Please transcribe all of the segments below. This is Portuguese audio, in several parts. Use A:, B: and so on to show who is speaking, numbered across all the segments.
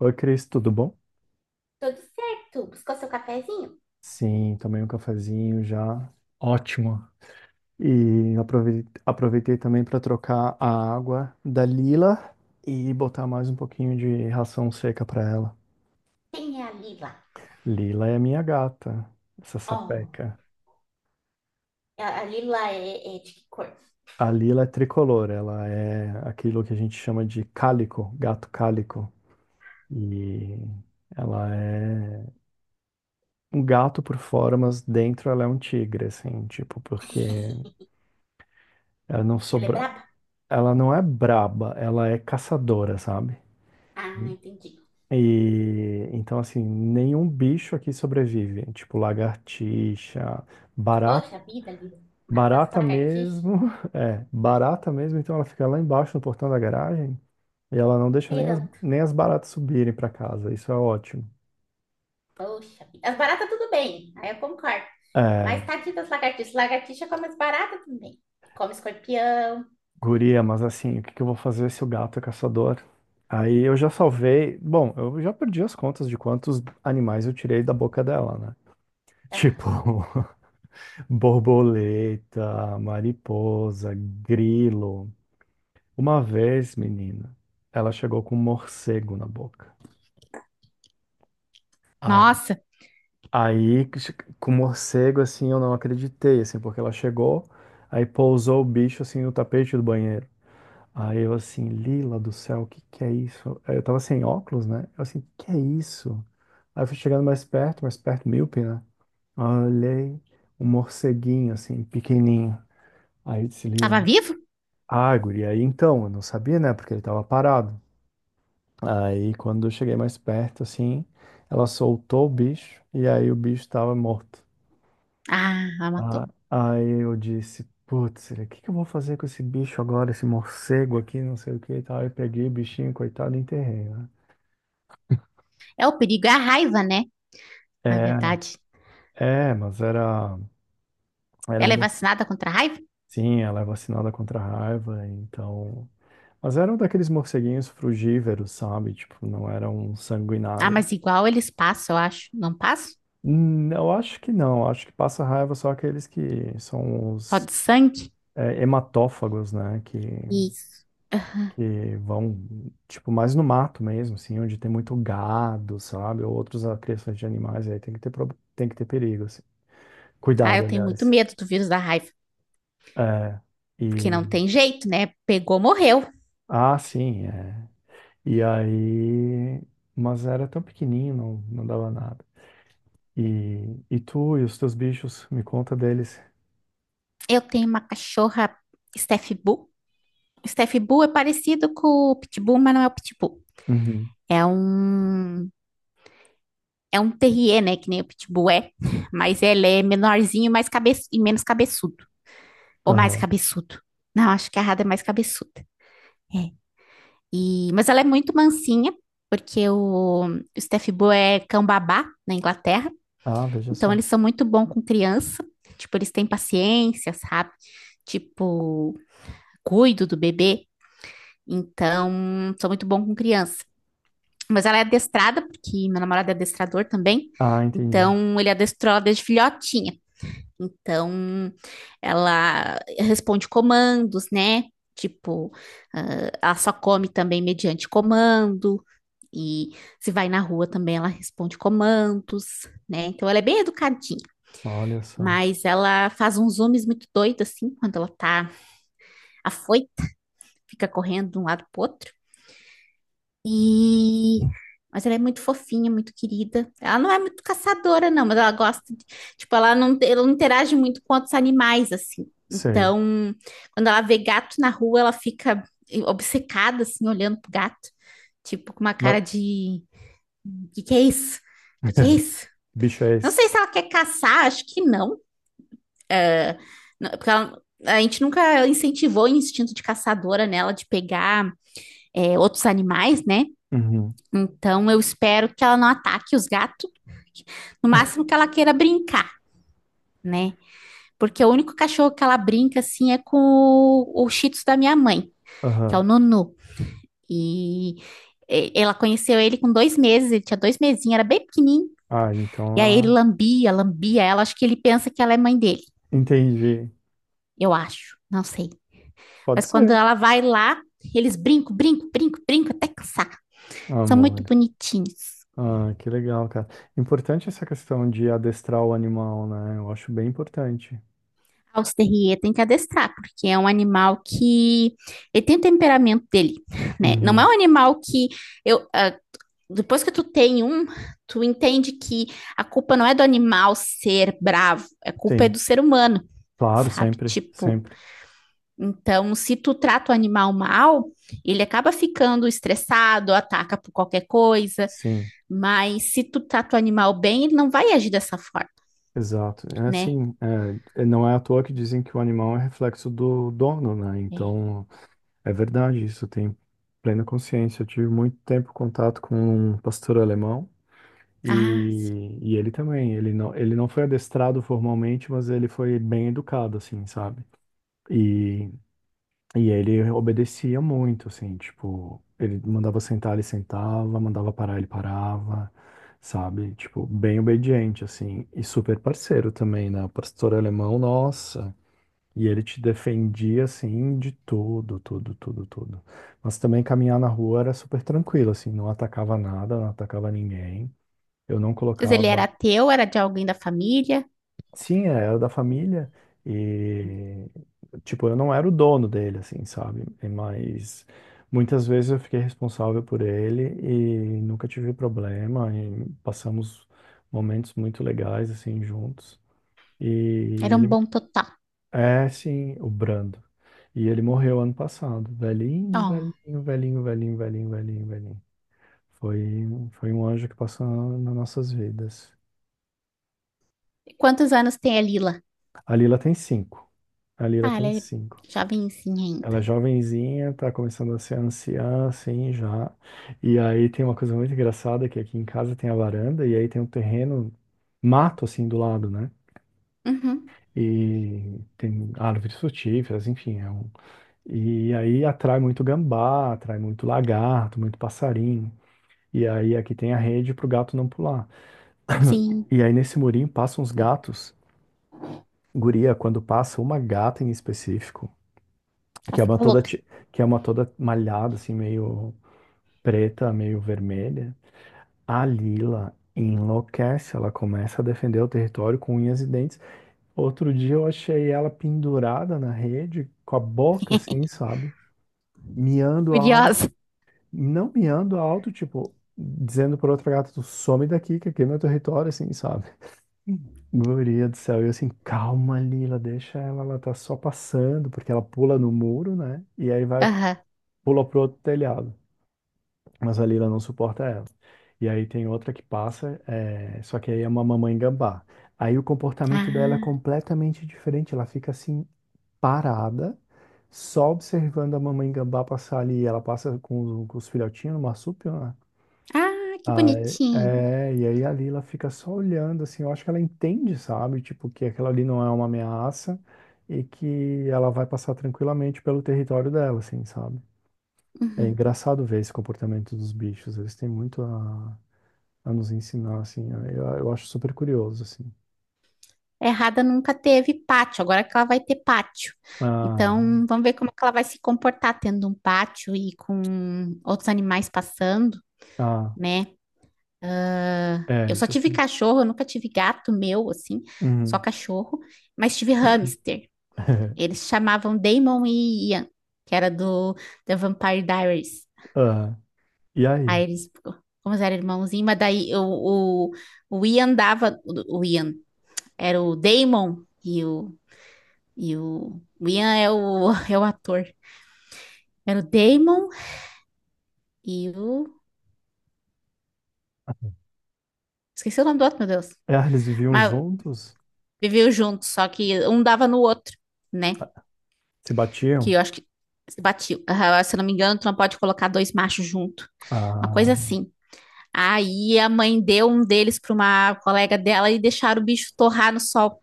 A: Oi, Cris, tudo bom?
B: Tudo certo. Buscou seu cafezinho?
A: Sim, tomei um cafezinho já. Ótimo. E aproveitei também para trocar a água da Lila e botar mais um pouquinho de ração seca para ela.
B: Quem é a Lila?
A: Lila é minha gata, essa
B: Oh,
A: sapeca.
B: a Lila é de que cor?
A: A Lila é tricolor, ela é aquilo que a gente chama de cálico, gato cálico. E ela é um gato por fora, mas dentro ela é um tigre, assim, tipo, porque ela não
B: Ela é
A: sobra.
B: braba?
A: Ela não é braba, ela é caçadora, sabe?
B: Ah, entendi.
A: E então, assim, nenhum bicho aqui sobrevive. Tipo, lagartixa, barata,
B: Poxa vida, Lila. Mata as
A: barata
B: lagartixas
A: mesmo. É, barata mesmo. Então, ela fica lá embaixo no portão da garagem e ela não deixa nem as,
B: esperando.
A: nem as baratas subirem pra casa. Isso é ótimo.
B: Poxa vida. As baratas tudo bem, aí eu concordo.
A: É,
B: Mas tadinha das lagartixas. Lagartixa come as baratas também. Come escorpião.
A: guria, mas assim, o que que eu vou fazer se o gato é caçador? Aí eu já salvei. Bom, eu já perdi as contas de quantos animais eu tirei da boca dela, né? Tipo.
B: Ah,
A: Borboleta, mariposa, grilo. Uma vez, menina, ela chegou com um morcego na boca. Ai. Aí, com o morcego, assim, eu não acreditei, assim, porque ela chegou, aí pousou o bicho, assim, no tapete do banheiro. Aí eu, assim, Lila do céu, o que que é isso? Aí eu tava sem óculos, né? Eu, assim, que é isso? Aí eu fui chegando mais perto, míope, né? Aí eu olhei um morceguinho, assim, pequenininho. Aí eu disse, Lila,
B: tava vivo?
A: ah, guri, aí então, eu não sabia, né? Porque ele tava parado. Aí quando eu cheguei mais perto, assim, ela soltou o bicho e aí o bicho tava morto.
B: Ah, ela
A: Ah,
B: matou.
A: aí eu disse, putz, o que que eu vou fazer com esse bicho agora, esse morcego aqui, não sei o que e tal. Aí eu peguei o bichinho, coitado, e enterrei, né?
B: É o perigo, é a raiva, né? Na
A: É, né?
B: verdade.
A: É, mas era, era um
B: Ela é
A: morcego.
B: vacinada contra a raiva?
A: Sim, ela é vacinada contra a raiva, então. Mas eram daqueles morceguinhos frugívoros, sabe? Tipo, não era um
B: Ah,
A: sanguinário.
B: mas igual eles passam, eu acho. Não passam?
A: Eu acho que não. Acho que passa raiva só aqueles que são
B: Só
A: os,
B: de sangue?
A: é, hematófagos, né?
B: Isso.
A: Que vão, tipo, mais no mato mesmo, assim, onde tem muito gado, sabe? Ou outros criações de animais. Aí tem que ter, tem que ter perigo, assim.
B: Ah, eu
A: Cuidado,
B: tenho muito
A: aliás.
B: medo do vírus da raiva,
A: É.
B: porque não
A: E...
B: tem jeito, né? Pegou, morreu.
A: Ah, sim, é. E aí... Mas era tão pequenininho, não, não dava nada. E tu e os teus bichos, me conta deles.
B: Eu tenho uma cachorra Steph Bull. Steph Bull é parecido com o Pitbull, mas não é o Pitbull.
A: Uhum.
B: É um, é um terrier, né? Que nem o Pitbull é, mas ele é menorzinho, mais cabe... e menos cabeçudo. Ou mais
A: Aham.
B: cabeçudo. Não, acho que a Rada é mais cabeçuda. É. E... Mas ela é muito mansinha, porque o Steph Bull é cão babá na Inglaterra.
A: Ah, veja
B: Então,
A: só.
B: eles são muito bons com criança. Tipo, eles têm paciência, sabe? Tipo, cuido do bebê. Então, sou muito bom com criança. Mas ela é adestrada, porque meu namorado é adestrador também.
A: Ah, entendi.
B: Então, ele adestrou ela desde filhotinha. Então, ela responde comandos, né? Tipo, ah, ela só come também mediante comando. E se vai na rua também, ela responde comandos, né? Então, ela é bem educadinha.
A: Olha só.
B: Mas ela faz uns zooms muito doidos, assim, quando ela tá afoita, fica correndo de um lado pro outro. E... Mas ela é muito fofinha, muito querida. Ela não é muito caçadora, não, mas ela gosta de... Tipo, ela não interage muito com outros animais, assim.
A: Sei.
B: Então, quando ela vê gato na rua, ela fica obcecada, assim, olhando pro gato. Tipo, com uma
A: Mas...
B: cara de... O que que é isso? O que que é isso?
A: Bicho é
B: Não
A: esse?
B: sei se ela quer caçar, acho que não. Não, porque ela- a gente nunca incentivou o instinto de caçadora nela de pegar é, outros animais, né?
A: Uhum.
B: Então eu espero que ela não ataque os gatos, no máximo que ela queira brincar, né? Porque o único cachorro que ela brinca assim é com o Shih Tzu da minha mãe, que é o
A: Aham.
B: Nunu. E e- ela conheceu ele com 2 meses, ele tinha 2 mesinhos, era bem pequenininho.
A: Ah, então
B: E aí ele
A: ela.
B: lambia, lambia ela. Acho que ele pensa que ela é mãe dele,
A: Entendi.
B: eu acho. Não sei.
A: Pode
B: Mas quando
A: ser,
B: ela vai lá, eles brincam, brincam, brincam, brincam até cansar. São muito
A: amor.
B: bonitinhos.
A: Ah, que legal, cara. Importante essa questão de adestrar o animal, né? Eu acho bem importante.
B: O Terrier tem que adestrar, porque é um animal que ele tem o temperamento dele, né? Não é
A: Uhum.
B: um animal que eu ah, depois que tu tem um, tu entende que a culpa não é do animal ser bravo, a culpa é
A: Sim.
B: do ser humano,
A: Claro,
B: sabe?
A: sempre,
B: Tipo,
A: sempre.
B: então se tu trata o animal mal, ele acaba ficando estressado, ataca por qualquer coisa.
A: Sim,
B: Mas se tu trata o animal bem, ele não vai agir dessa forma,
A: exato. É
B: né?
A: assim, não é à toa que dizem que o animal é reflexo do dono, né?
B: É.
A: Então, é verdade, isso eu tenho plena consciência. Eu tive muito tempo contato com um pastor alemão.
B: Ah, sim.
A: E ele também, ele não foi adestrado formalmente, mas ele foi bem educado, assim, sabe? E, e ele obedecia muito, assim, tipo, ele mandava sentar, ele sentava, mandava parar, ele parava, sabe? Tipo, bem obediente, assim, e super parceiro também, né? O pastor alemão, nossa! E ele te defendia, assim, de tudo, tudo, tudo, tudo. Mas também caminhar na rua era super tranquilo, assim, não atacava nada, não atacava ninguém. Eu não
B: Mas ele era
A: colocava
B: teu, era de alguém da família?
A: sim, é, era da família e, tipo, eu não era o dono dele, assim, sabe? E- mas muitas vezes eu fiquei responsável por ele e nunca tive problema e passamos momentos muito legais, assim, juntos. E
B: Era um
A: ele
B: bom total.
A: é, sim, o Brando. E ele morreu ano passado, velhinho,
B: Ó.
A: velhinho, velhinho, velhinho, velhinho, velhinho, velhinho. Foi, foi um anjo que passou nas nossas vidas.
B: E quantos anos tem a Lila?
A: A Lila tem cinco. A Lila
B: Ah, ela
A: tem
B: é
A: cinco.
B: jovenzinha
A: Ela é
B: ainda.
A: jovenzinha, tá começando a ser anciã, assim, já. E aí tem uma coisa muito engraçada que aqui em casa tem a varanda e aí tem um terreno, mato, assim, do lado, né?
B: Uhum.
A: E tem árvores frutíferas, enfim. É um... E aí atrai muito gambá, atrai muito lagarto, muito passarinho. E aí aqui tem a rede pro gato não pular.
B: Sim,
A: E aí nesse murinho passam uns gatos. Guria, quando passa uma gata em específico,
B: ela
A: que é uma
B: fica
A: toda,
B: louca,
A: ti- que é uma toda malhada, assim, meio preta, meio vermelha, a Lila enlouquece, ela começa a defender o território com unhas e dentes. Outro dia eu achei ela pendurada na rede, com a boca assim, sabe? Miando alto,
B: furiosa.
A: não miando alto, tipo, dizendo pra outra gata, tu some daqui, que aqui é meu território, assim, sabe? Hum. Guria do céu, e eu assim, calma, Lila, deixa ela, ela tá só passando, porque ela pula no muro, né? E aí vai,
B: Aham.
A: pula pro outro telhado. Mas a Lila não suporta ela. E aí tem outra que passa, é, só que aí é uma mamãe gambá. Aí o comportamento dela é
B: Ah,
A: completamente diferente, ela fica assim parada, só observando a mamãe gambá passar ali. Ela passa com os filhotinhos no marsúpio, né?
B: ah, que
A: Aí,
B: bonitinho.
A: é, e aí a Lila fica só olhando, assim, eu acho que ela entende, sabe? Tipo, que aquela ali não é uma ameaça e que ela vai passar tranquilamente pelo território dela, assim, sabe? É
B: Uhum.
A: engraçado ver esse comportamento dos bichos, eles têm muito a nos ensinar, assim. Eu acho super curioso, assim.
B: Errada nunca teve pátio, agora que ela vai ter pátio.
A: Ah,
B: Então, vamos ver como é que ela vai se comportar tendo um pátio e com outros animais passando,
A: ah,
B: né? Ah,
A: é
B: eu só
A: isso,
B: tive
A: assim.
B: cachorro, eu nunca tive gato meu, assim, só
A: Uhum.
B: cachorro, mas tive hamster. Eles se chamavam Damon e Ian, que era do The Vampire Diaries.
A: Ah, e aí?
B: Aí eles, como eles eram irmãozinhos, mas daí o Ian dava, o Ian era o Damon e o e o Ian é o, é o ator. Era o Damon e o. Esqueci o nome do outro, meu Deus.
A: Ah, eles viviam
B: Mas
A: juntos?
B: viveu junto, só que um dava no outro, né?
A: Se
B: Que
A: batiam?
B: eu acho que batiu. Ah, se eu não me engano, tu não pode colocar 2 machos junto. Uma coisa
A: Ah,
B: assim. Aí a mãe deu um deles para uma colega dela e deixaram o bicho torrar no sol.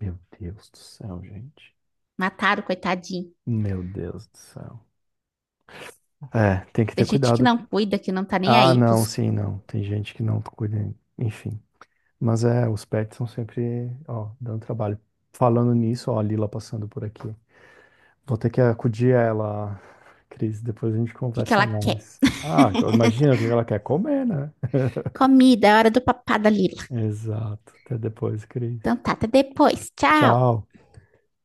A: meu Deus do céu, gente.
B: Mataram, coitadinho.
A: Meu Deus do céu. É, tem que
B: Tem
A: ter
B: gente que
A: cuidado.
B: não cuida, que não tá nem
A: Ah,
B: aí
A: não,
B: pros...
A: sim,
B: O
A: não. Tem gente que não cuida, enfim. Mas é, os pets são sempre, ó, dando trabalho. Falando nisso, ó, a Lila passando por aqui. Vou ter que acudir a ela, Cris. Depois a gente
B: que que
A: conversa
B: ela quer?
A: mais. Ah, eu imagino o que ela quer comer, né?
B: Comida, é hora do papá da Lila.
A: Exato. Até depois, Cris.
B: Então tá, até depois. Tchau.
A: Tchau.